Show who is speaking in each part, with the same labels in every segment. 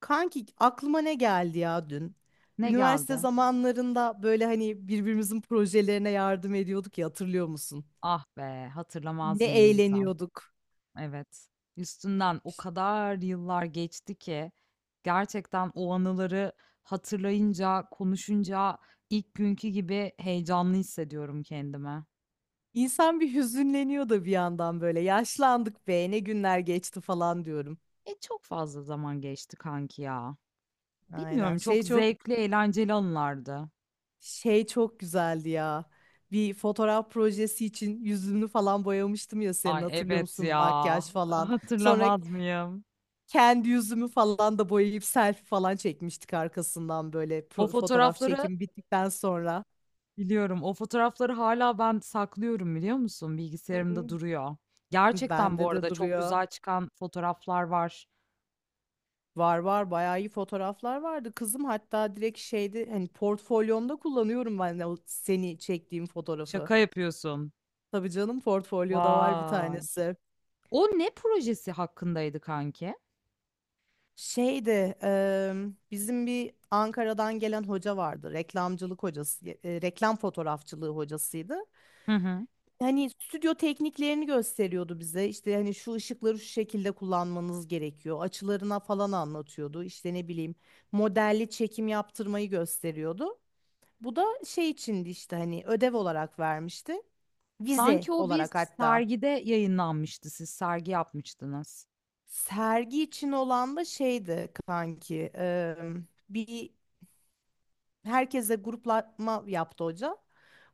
Speaker 1: Kanki aklıma ne geldi ya dün?
Speaker 2: Ne
Speaker 1: Üniversite
Speaker 2: geldi?
Speaker 1: zamanlarında böyle hani birbirimizin projelerine yardım ediyorduk ya hatırlıyor musun?
Speaker 2: Ah be,
Speaker 1: Ne
Speaker 2: hatırlamaz mıyım Gizem?
Speaker 1: eğleniyorduk.
Speaker 2: Evet. Üstünden o kadar yıllar geçti ki gerçekten o anıları hatırlayınca, konuşunca ilk günkü gibi heyecanlı hissediyorum kendimi.
Speaker 1: İnsan bir hüzünleniyor da bir yandan böyle yaşlandık be ne günler geçti falan diyorum.
Speaker 2: E çok fazla zaman geçti kanki ya.
Speaker 1: Aynen
Speaker 2: Bilmiyorum, çok
Speaker 1: şey çok
Speaker 2: zevkli, eğlenceli anılardı.
Speaker 1: çok güzeldi ya. Bir fotoğraf projesi için yüzünü falan boyamıştım ya senin
Speaker 2: Ay
Speaker 1: hatırlıyor
Speaker 2: evet
Speaker 1: musun?
Speaker 2: ya.
Speaker 1: Makyaj falan. Sonra
Speaker 2: Hatırlamaz mıyım?
Speaker 1: kendi yüzümü falan da boyayıp selfie falan çekmiştik arkasından böyle
Speaker 2: O
Speaker 1: fotoğraf
Speaker 2: fotoğrafları
Speaker 1: çekim bittikten sonra.
Speaker 2: biliyorum. O fotoğrafları hala ben saklıyorum, biliyor musun? Bilgisayarımda
Speaker 1: Hı.
Speaker 2: duruyor. Gerçekten
Speaker 1: Bende
Speaker 2: bu
Speaker 1: de
Speaker 2: arada çok
Speaker 1: duruyor.
Speaker 2: güzel çıkan fotoğraflar var.
Speaker 1: Var, bayağı iyi fotoğraflar vardı. Kızım hatta direkt şeydi, hani portfolyomda kullanıyorum ben de o seni çektiğim fotoğrafı.
Speaker 2: Şaka yapıyorsun.
Speaker 1: Tabii canım, portfolyoda var bir
Speaker 2: Vay!
Speaker 1: tanesi.
Speaker 2: O ne projesi hakkındaydı kanki?
Speaker 1: Şeyde bizim bir Ankara'dan gelen hoca vardı. Reklamcılık hocası, reklam fotoğrafçılığı hocasıydı.
Speaker 2: Hı hı.
Speaker 1: Hani stüdyo tekniklerini gösteriyordu bize. İşte hani şu ışıkları şu şekilde kullanmanız gerekiyor. Açılarına falan anlatıyordu. İşte ne bileyim, modelli çekim yaptırmayı gösteriyordu. Bu da şey içindi, işte hani ödev olarak vermişti. Vize
Speaker 2: Sanki o bir
Speaker 1: olarak hatta.
Speaker 2: sergide yayınlanmıştı. Siz sergi yapmıştınız.
Speaker 1: Sergi için olan da şeydi kanki. Bir herkese gruplama yaptı hoca.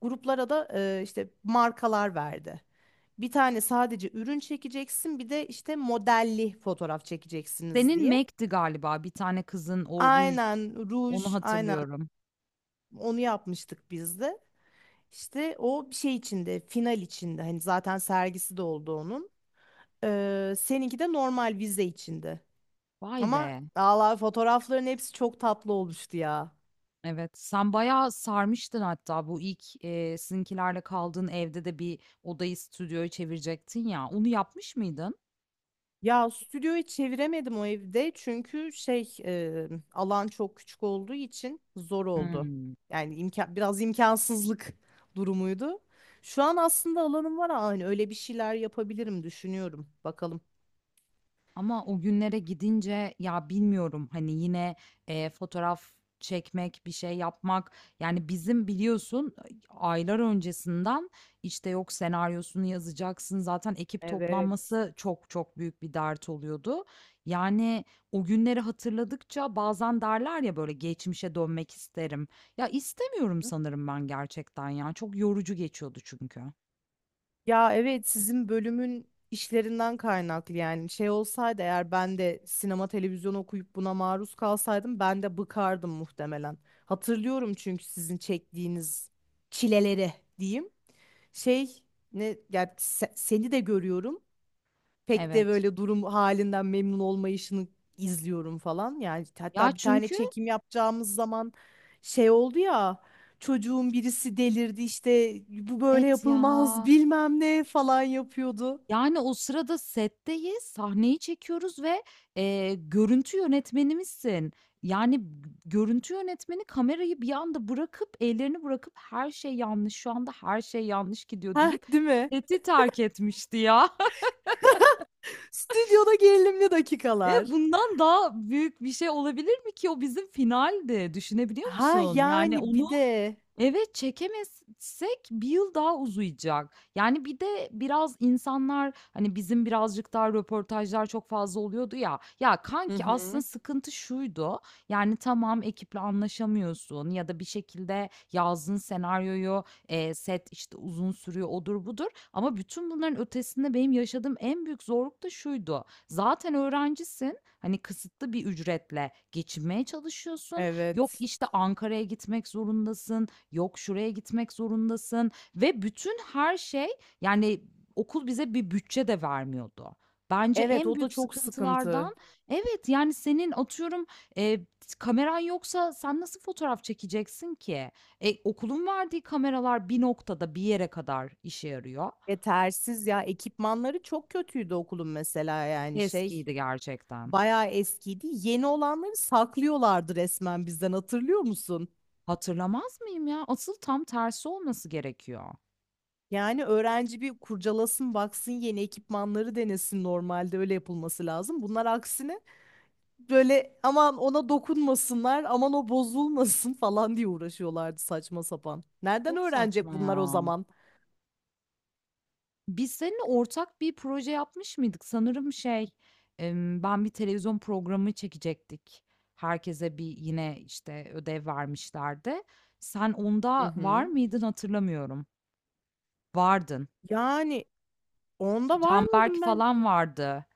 Speaker 1: Gruplara da işte markalar verdi. Bir tane sadece ürün çekeceksin, bir de işte modelli fotoğraf çekeceksiniz
Speaker 2: Senin
Speaker 1: diye.
Speaker 2: Mac'ti galiba. Bir tane kızın o ruj,
Speaker 1: Aynen
Speaker 2: onu
Speaker 1: ruj, aynen,
Speaker 2: hatırlıyorum.
Speaker 1: onu yapmıştık biz de. İşte o bir şey içinde, final içinde. Hani zaten sergisi de oldu onun. Seninki de normal vize içinde.
Speaker 2: Vay
Speaker 1: Ama
Speaker 2: be!
Speaker 1: Allah fotoğrafların hepsi çok tatlı olmuştu ya.
Speaker 2: Evet, sen bayağı sarmıştın hatta bu ilk, sizinkilerle kaldığın evde de bir odayı stüdyoya çevirecektin ya, onu yapmış mıydın?
Speaker 1: Ya stüdyoyu çeviremedim o evde çünkü şey alan çok küçük olduğu için zor oldu.
Speaker 2: Hıı.
Speaker 1: Yani imkan, biraz imkansızlık durumuydu. Şu an aslında alanım var, aynı öyle bir şeyler yapabilirim düşünüyorum. Bakalım.
Speaker 2: Ama o günlere gidince ya bilmiyorum hani yine, fotoğraf çekmek, bir şey yapmak, yani bizim biliyorsun aylar öncesinden işte yok senaryosunu yazacaksın, zaten ekip
Speaker 1: Evet.
Speaker 2: toplanması çok çok büyük bir dert oluyordu. Yani o günleri hatırladıkça bazen derler ya böyle geçmişe dönmek isterim. Ya istemiyorum sanırım ben, gerçekten ya çok yorucu geçiyordu çünkü.
Speaker 1: Ya evet, sizin bölümün işlerinden kaynaklı, yani şey olsaydı eğer, ben de sinema televizyon okuyup buna maruz kalsaydım ben de bıkardım muhtemelen. Hatırlıyorum çünkü sizin çektiğiniz çileleri diyeyim. Şey ne ya, seni de görüyorum. Pek de
Speaker 2: Evet.
Speaker 1: böyle durum halinden memnun olmayışını izliyorum falan. Yani
Speaker 2: Ya
Speaker 1: hatta bir tane
Speaker 2: çünkü
Speaker 1: çekim yapacağımız zaman şey oldu ya, çocuğun birisi delirdi, işte bu böyle
Speaker 2: evet
Speaker 1: yapılmaz
Speaker 2: ya.
Speaker 1: bilmem ne falan yapıyordu.
Speaker 2: Yani, o sırada setteyiz, sahneyi çekiyoruz ve, görüntü yönetmenimizsin. Yani, görüntü yönetmeni kamerayı bir anda bırakıp, ellerini bırakıp "Her şey yanlış, şu anda her şey yanlış gidiyor."
Speaker 1: Heh,
Speaker 2: deyip
Speaker 1: değil mi?
Speaker 2: seti terk etmişti ya.
Speaker 1: Stüdyoda gerilimli
Speaker 2: E,
Speaker 1: dakikalar.
Speaker 2: bundan daha büyük bir şey olabilir mi ki? O bizim finaldi, düşünebiliyor
Speaker 1: Ha
Speaker 2: musun? Yani,
Speaker 1: yani
Speaker 2: onu
Speaker 1: bir de.
Speaker 2: evet, çekemezsek bir yıl daha uzayacak. Yani bir de biraz insanlar, hani, bizim birazcık daha röportajlar çok fazla oluyordu ya. Ya,
Speaker 1: Hı
Speaker 2: kanki aslında
Speaker 1: hı.
Speaker 2: sıkıntı şuydu: yani tamam, ekiple anlaşamıyorsun ya da bir şekilde yazdığın senaryoyu, set, işte, uzun sürüyor, odur budur ama bütün bunların ötesinde benim yaşadığım en büyük zorluk da şuydu: zaten öğrencisin, hani, kısıtlı bir ücretle geçinmeye çalışıyorsun. Yok,
Speaker 1: Evet.
Speaker 2: işte, Ankara'ya gitmek zorundasın. Yok, şuraya gitmek zorundasın ve bütün her şey, yani okul bize bir bütçe de vermiyordu. Bence
Speaker 1: Evet,
Speaker 2: en
Speaker 1: o da
Speaker 2: büyük
Speaker 1: çok sıkıntı.
Speaker 2: sıkıntılardan evet, yani senin atıyorum e, kameran yoksa sen nasıl fotoğraf çekeceksin ki? E, okulun verdiği kameralar bir noktada bir yere kadar işe yarıyor.
Speaker 1: Yetersiz ya, ekipmanları çok kötüydü okulun mesela, yani şey
Speaker 2: Eskiydi gerçekten.
Speaker 1: bayağı eskiydi. Yeni olanları saklıyorlardı resmen bizden, hatırlıyor musun?
Speaker 2: Hatırlamaz mıyım ya? Asıl tam tersi olması gerekiyor.
Speaker 1: Yani öğrenci bir kurcalasın baksın, yeni ekipmanları denesin, normalde öyle yapılması lazım. Bunlar aksine böyle aman ona dokunmasınlar, aman o bozulmasın falan diye uğraşıyorlardı saçma sapan. Nereden
Speaker 2: Çok
Speaker 1: öğrenecek
Speaker 2: saçma
Speaker 1: bunlar o
Speaker 2: ya.
Speaker 1: zaman?
Speaker 2: Biz seninle ortak bir proje yapmış mıydık? Sanırım şey, ben bir televizyon programı çekecektik. Herkese bir yine, işte, ödev vermişlerdi. Sen
Speaker 1: Hı
Speaker 2: onda var
Speaker 1: hı.
Speaker 2: mıydın hatırlamıyorum. Vardın.
Speaker 1: Yani onda var
Speaker 2: Canberk
Speaker 1: mıydım ben?
Speaker 2: falan vardı.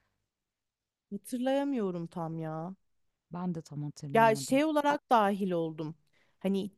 Speaker 1: Hatırlayamıyorum tam ya.
Speaker 2: Ben de tam
Speaker 1: Ya
Speaker 2: hatırlayamadım.
Speaker 1: şey olarak dahil oldum. Hani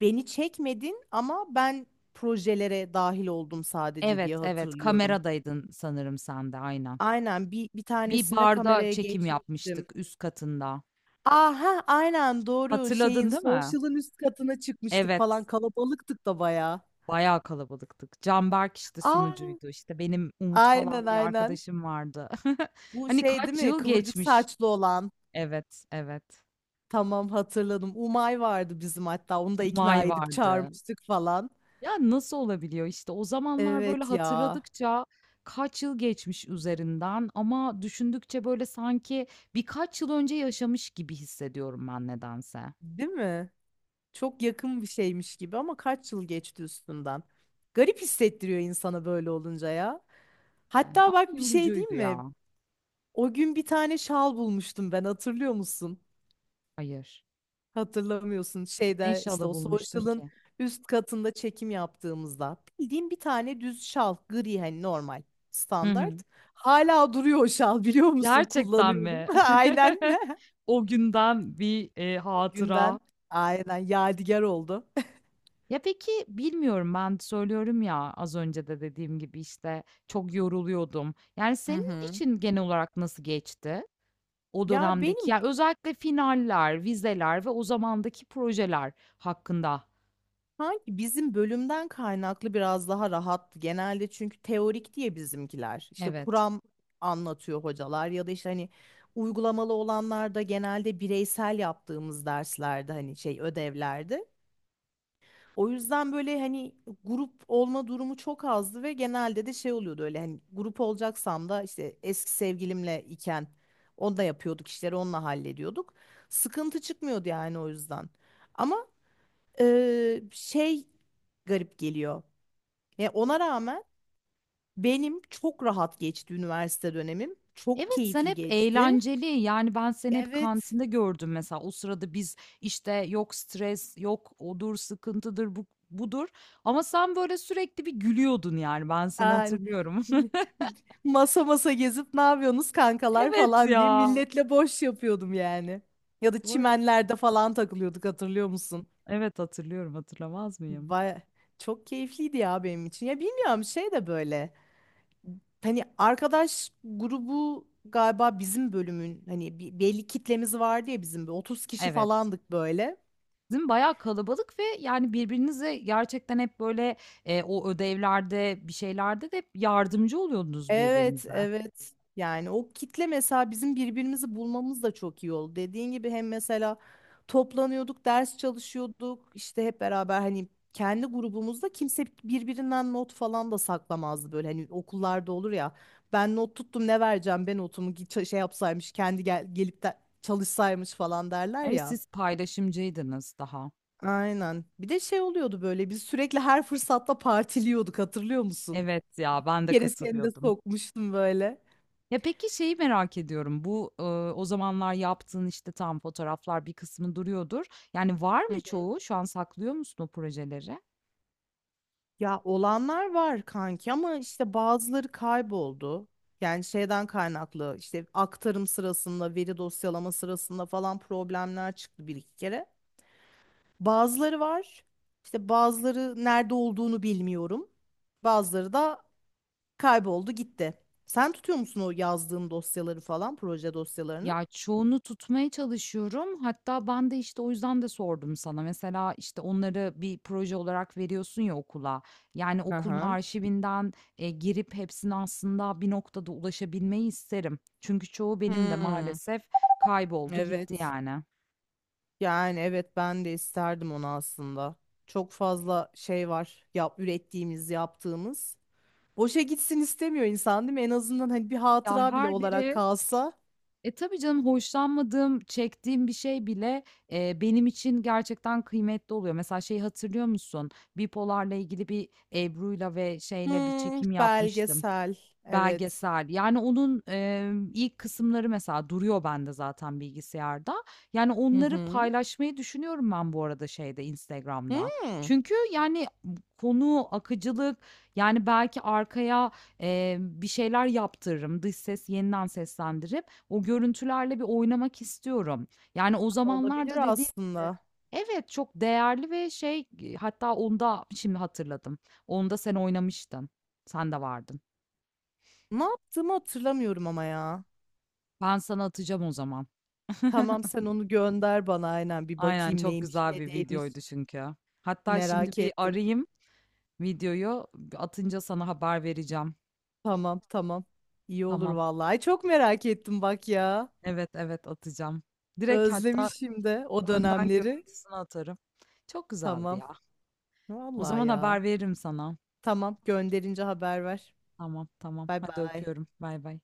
Speaker 1: beni çekmedin ama ben projelere dahil oldum sadece
Speaker 2: Evet,
Speaker 1: diye
Speaker 2: evet,
Speaker 1: hatırlıyorum.
Speaker 2: kameradaydın sanırım sen de, aynen.
Speaker 1: Aynen bir
Speaker 2: Bir
Speaker 1: tanesinde
Speaker 2: barda
Speaker 1: kameraya
Speaker 2: çekim
Speaker 1: geçmiştim.
Speaker 2: yapmıştık üst katında.
Speaker 1: Aha aynen, doğru, şeyin
Speaker 2: Hatırladın değil mi?
Speaker 1: social'ın üst katına çıkmıştık
Speaker 2: Evet.
Speaker 1: falan, kalabalıktık da bayağı.
Speaker 2: Bayağı kalabalıktık. Canberk, işte,
Speaker 1: Aa,
Speaker 2: sunucuydu. İşte, benim Umut
Speaker 1: aynen
Speaker 2: falan bir
Speaker 1: aynen.
Speaker 2: arkadaşım vardı.
Speaker 1: Bu
Speaker 2: Hani
Speaker 1: şey değil
Speaker 2: kaç
Speaker 1: mi,
Speaker 2: yıl
Speaker 1: kıvırcık
Speaker 2: geçmiş.
Speaker 1: saçlı olan.
Speaker 2: Evet, evet.
Speaker 1: Tamam, hatırladım. Umay vardı bizim, hatta onu da ikna
Speaker 2: Umay
Speaker 1: edip
Speaker 2: vardı.
Speaker 1: çağırmıştık falan.
Speaker 2: Ya, nasıl olabiliyor? İşte, o zamanlar, böyle,
Speaker 1: Evet ya.
Speaker 2: hatırladıkça kaç yıl geçmiş üzerinden ama düşündükçe, böyle, sanki birkaç yıl önce yaşamış gibi hissediyorum ben nedense.
Speaker 1: Değil mi? Çok yakın bir şeymiş gibi ama kaç yıl geçti üstünden. Garip hissettiriyor insana böyle olunca ya.
Speaker 2: Ama
Speaker 1: Hatta bak, bir şey
Speaker 2: yorucuydu
Speaker 1: diyeyim
Speaker 2: ya.
Speaker 1: mi? O gün bir tane şal bulmuştum ben, hatırlıyor musun?
Speaker 2: Hayır.
Speaker 1: Hatırlamıyorsun.
Speaker 2: Ne
Speaker 1: Şeyde işte
Speaker 2: şalı
Speaker 1: o
Speaker 2: bulmuştun
Speaker 1: social'ın
Speaker 2: ki?
Speaker 1: üst katında çekim yaptığımızda. Bildiğim bir tane düz şal, gri, hani normal
Speaker 2: Hı
Speaker 1: standart.
Speaker 2: hı.
Speaker 1: Hala duruyor o şal, biliyor musun?
Speaker 2: Gerçekten
Speaker 1: Kullanıyorum.
Speaker 2: mi?
Speaker 1: Aynen.
Speaker 2: O günden bir,
Speaker 1: O
Speaker 2: hatıra.
Speaker 1: günden aynen yadigar oldu.
Speaker 2: Ya, peki, bilmiyorum ben söylüyorum ya, az önce de dediğim gibi, işte, çok yoruluyordum. Yani,
Speaker 1: Hı
Speaker 2: senin
Speaker 1: hı.
Speaker 2: için genel olarak nasıl geçti o
Speaker 1: Ya
Speaker 2: dönemdeki
Speaker 1: benim,
Speaker 2: ya, özellikle finaller, vizeler ve o zamandaki projeler hakkında?
Speaker 1: sanki bizim bölümden kaynaklı biraz daha rahattı genelde, çünkü teorik diye bizimkiler işte
Speaker 2: Evet.
Speaker 1: kuram anlatıyor hocalar, ya da işte hani uygulamalı olanlar da genelde bireysel yaptığımız derslerde, hani şey ödevlerde. O yüzden böyle hani grup olma durumu çok azdı ve genelde de şey oluyordu öyle, hani grup olacaksam da işte eski sevgilimle iken onunla yapıyorduk işleri, onunla hallediyorduk. Sıkıntı çıkmıyordu yani, o yüzden. Ama şey garip geliyor. Ve ona rağmen benim çok rahat geçti üniversite dönemim. Çok
Speaker 2: Evet, sen
Speaker 1: keyifli
Speaker 2: hep
Speaker 1: geçti.
Speaker 2: eğlenceli, yani, ben seni hep
Speaker 1: Evet.
Speaker 2: kantinde gördüm mesela. O sırada biz, işte, yok stres, yok odur, sıkıntıdır, bu budur ama sen böyle sürekli bir gülüyordun, yani, ben seni
Speaker 1: Yani
Speaker 2: hatırlıyorum.
Speaker 1: masa masa gezip ne yapıyorsunuz kankalar
Speaker 2: Evet
Speaker 1: falan diye
Speaker 2: ya.
Speaker 1: milletle boş yapıyordum yani. Ya da
Speaker 2: Vay,
Speaker 1: çimenlerde falan takılıyorduk, hatırlıyor musun?
Speaker 2: evet, hatırlıyorum, hatırlamaz mıyım?
Speaker 1: Baya çok keyifliydi ya benim için. Ya bilmiyorum, şey de böyle. Hani arkadaş grubu galiba, bizim bölümün hani belli kitlemiz vardı ya, bizim 30 kişi
Speaker 2: Evet.
Speaker 1: falandık böyle.
Speaker 2: Sizin bayağı kalabalık ve, yani, birbirinize gerçekten hep böyle, o ödevlerde, bir şeylerde de hep yardımcı oluyordunuz
Speaker 1: Evet,
Speaker 2: birbirinize.
Speaker 1: evet. Yani o kitle mesela bizim birbirimizi bulmamız da çok iyi oldu. Dediğin gibi hem mesela toplanıyorduk, ders çalışıyorduk. İşte hep beraber, hani kendi grubumuzda kimse birbirinden not falan da saklamazdı böyle. Hani okullarda olur ya. Ben not tuttum, ne vereceğim ben notumu, git şey yapsaymış kendi, gel gelip de çalışsaymış falan derler
Speaker 2: Evet,
Speaker 1: ya.
Speaker 2: siz paylaşımcıydınız daha.
Speaker 1: Aynen. Bir de şey oluyordu böyle, biz sürekli her fırsatta partiliyorduk, hatırlıyor musun?
Speaker 2: Evet ya, ben de
Speaker 1: Bir kere seni de
Speaker 2: katılıyordum.
Speaker 1: sokmuştum böyle.
Speaker 2: Ya, peki şeyi merak ediyorum. Bu, o zamanlar yaptığın, işte, tam fotoğraflar bir kısmı duruyordur. Yani, var mı çoğu? Şu an saklıyor musun o projeleri?
Speaker 1: Ya olanlar var kanki ama işte bazıları kayboldu. Yani şeyden kaynaklı, işte aktarım sırasında, veri dosyalama sırasında falan problemler çıktı bir iki kere. Bazıları var. İşte bazıları nerede olduğunu bilmiyorum. Bazıları da kayboldu gitti. Sen tutuyor musun o yazdığın dosyaları falan, proje dosyalarını?
Speaker 2: Ya, çoğunu tutmaya çalışıyorum. Hatta ben de, işte, o yüzden de sordum sana. Mesela, işte, onları bir proje olarak veriyorsun ya okula. Yani, okulun
Speaker 1: Aha.
Speaker 2: arşivinden, girip hepsine aslında bir noktada ulaşabilmeyi isterim. Çünkü çoğu benim de
Speaker 1: Hmm,
Speaker 2: maalesef kayboldu gitti
Speaker 1: evet.
Speaker 2: yani.
Speaker 1: Yani evet, ben de isterdim onu aslında. Çok fazla şey var yap ürettiğimiz, yaptığımız. Boşa gitsin istemiyor insan, değil mi? En azından hani bir
Speaker 2: Ya,
Speaker 1: hatıra bile
Speaker 2: her
Speaker 1: olarak
Speaker 2: biri,
Speaker 1: kalsa.
Speaker 2: e, tabii canım, hoşlanmadığım, çektiğim bir şey bile, benim için gerçekten kıymetli oluyor. Mesela şeyi hatırlıyor musun? Bipolar'la ilgili bir Ebru'yla ve şeyle bir
Speaker 1: Hmm,
Speaker 2: çekim yapmıştım.
Speaker 1: belgesel. Evet.
Speaker 2: Belgesel. Yani onun, ilk kısımları mesela duruyor bende zaten bilgisayarda. Yani
Speaker 1: Hı
Speaker 2: onları
Speaker 1: hı.
Speaker 2: paylaşmayı düşünüyorum ben bu arada şeyde, Instagram'da.
Speaker 1: Hmm,
Speaker 2: Çünkü yani konu, akıcılık, yani belki arkaya, bir şeyler yaptırırım. Dış ses yeniden seslendirip o görüntülerle bir oynamak istiyorum. Yani o
Speaker 1: olabilir
Speaker 2: zamanlarda dediğim gibi
Speaker 1: aslında.
Speaker 2: evet, çok değerli ve şey, hatta onda şimdi hatırladım. Onda sen oynamıştın. Sen de vardın.
Speaker 1: Ne yaptığımı hatırlamıyorum ama ya.
Speaker 2: Ben sana atacağım o zaman.
Speaker 1: Tamam, sen onu gönder bana, aynen bir
Speaker 2: Aynen
Speaker 1: bakayım
Speaker 2: çok
Speaker 1: neymiş
Speaker 2: güzel
Speaker 1: ne
Speaker 2: bir
Speaker 1: değilmiş.
Speaker 2: videoydu çünkü. Hatta şimdi
Speaker 1: Merak
Speaker 2: bir
Speaker 1: ettim.
Speaker 2: arayayım videoyu. Atınca sana haber vereceğim.
Speaker 1: Tamam tamam. İyi olur
Speaker 2: Tamam.
Speaker 1: vallahi. Ay, çok merak ettim bak ya.
Speaker 2: Evet evet atacağım. Direkt hatta
Speaker 1: Özlemişim de o
Speaker 2: önden
Speaker 1: dönemleri.
Speaker 2: görüntüsünü atarım. Çok güzeldi
Speaker 1: Tamam.
Speaker 2: ya. O
Speaker 1: Vallahi
Speaker 2: zaman
Speaker 1: ya.
Speaker 2: haber veririm sana.
Speaker 1: Tamam, gönderince haber ver.
Speaker 2: Tamam tamam.
Speaker 1: Bay
Speaker 2: Hadi
Speaker 1: bay.
Speaker 2: öpüyorum. Bay bay.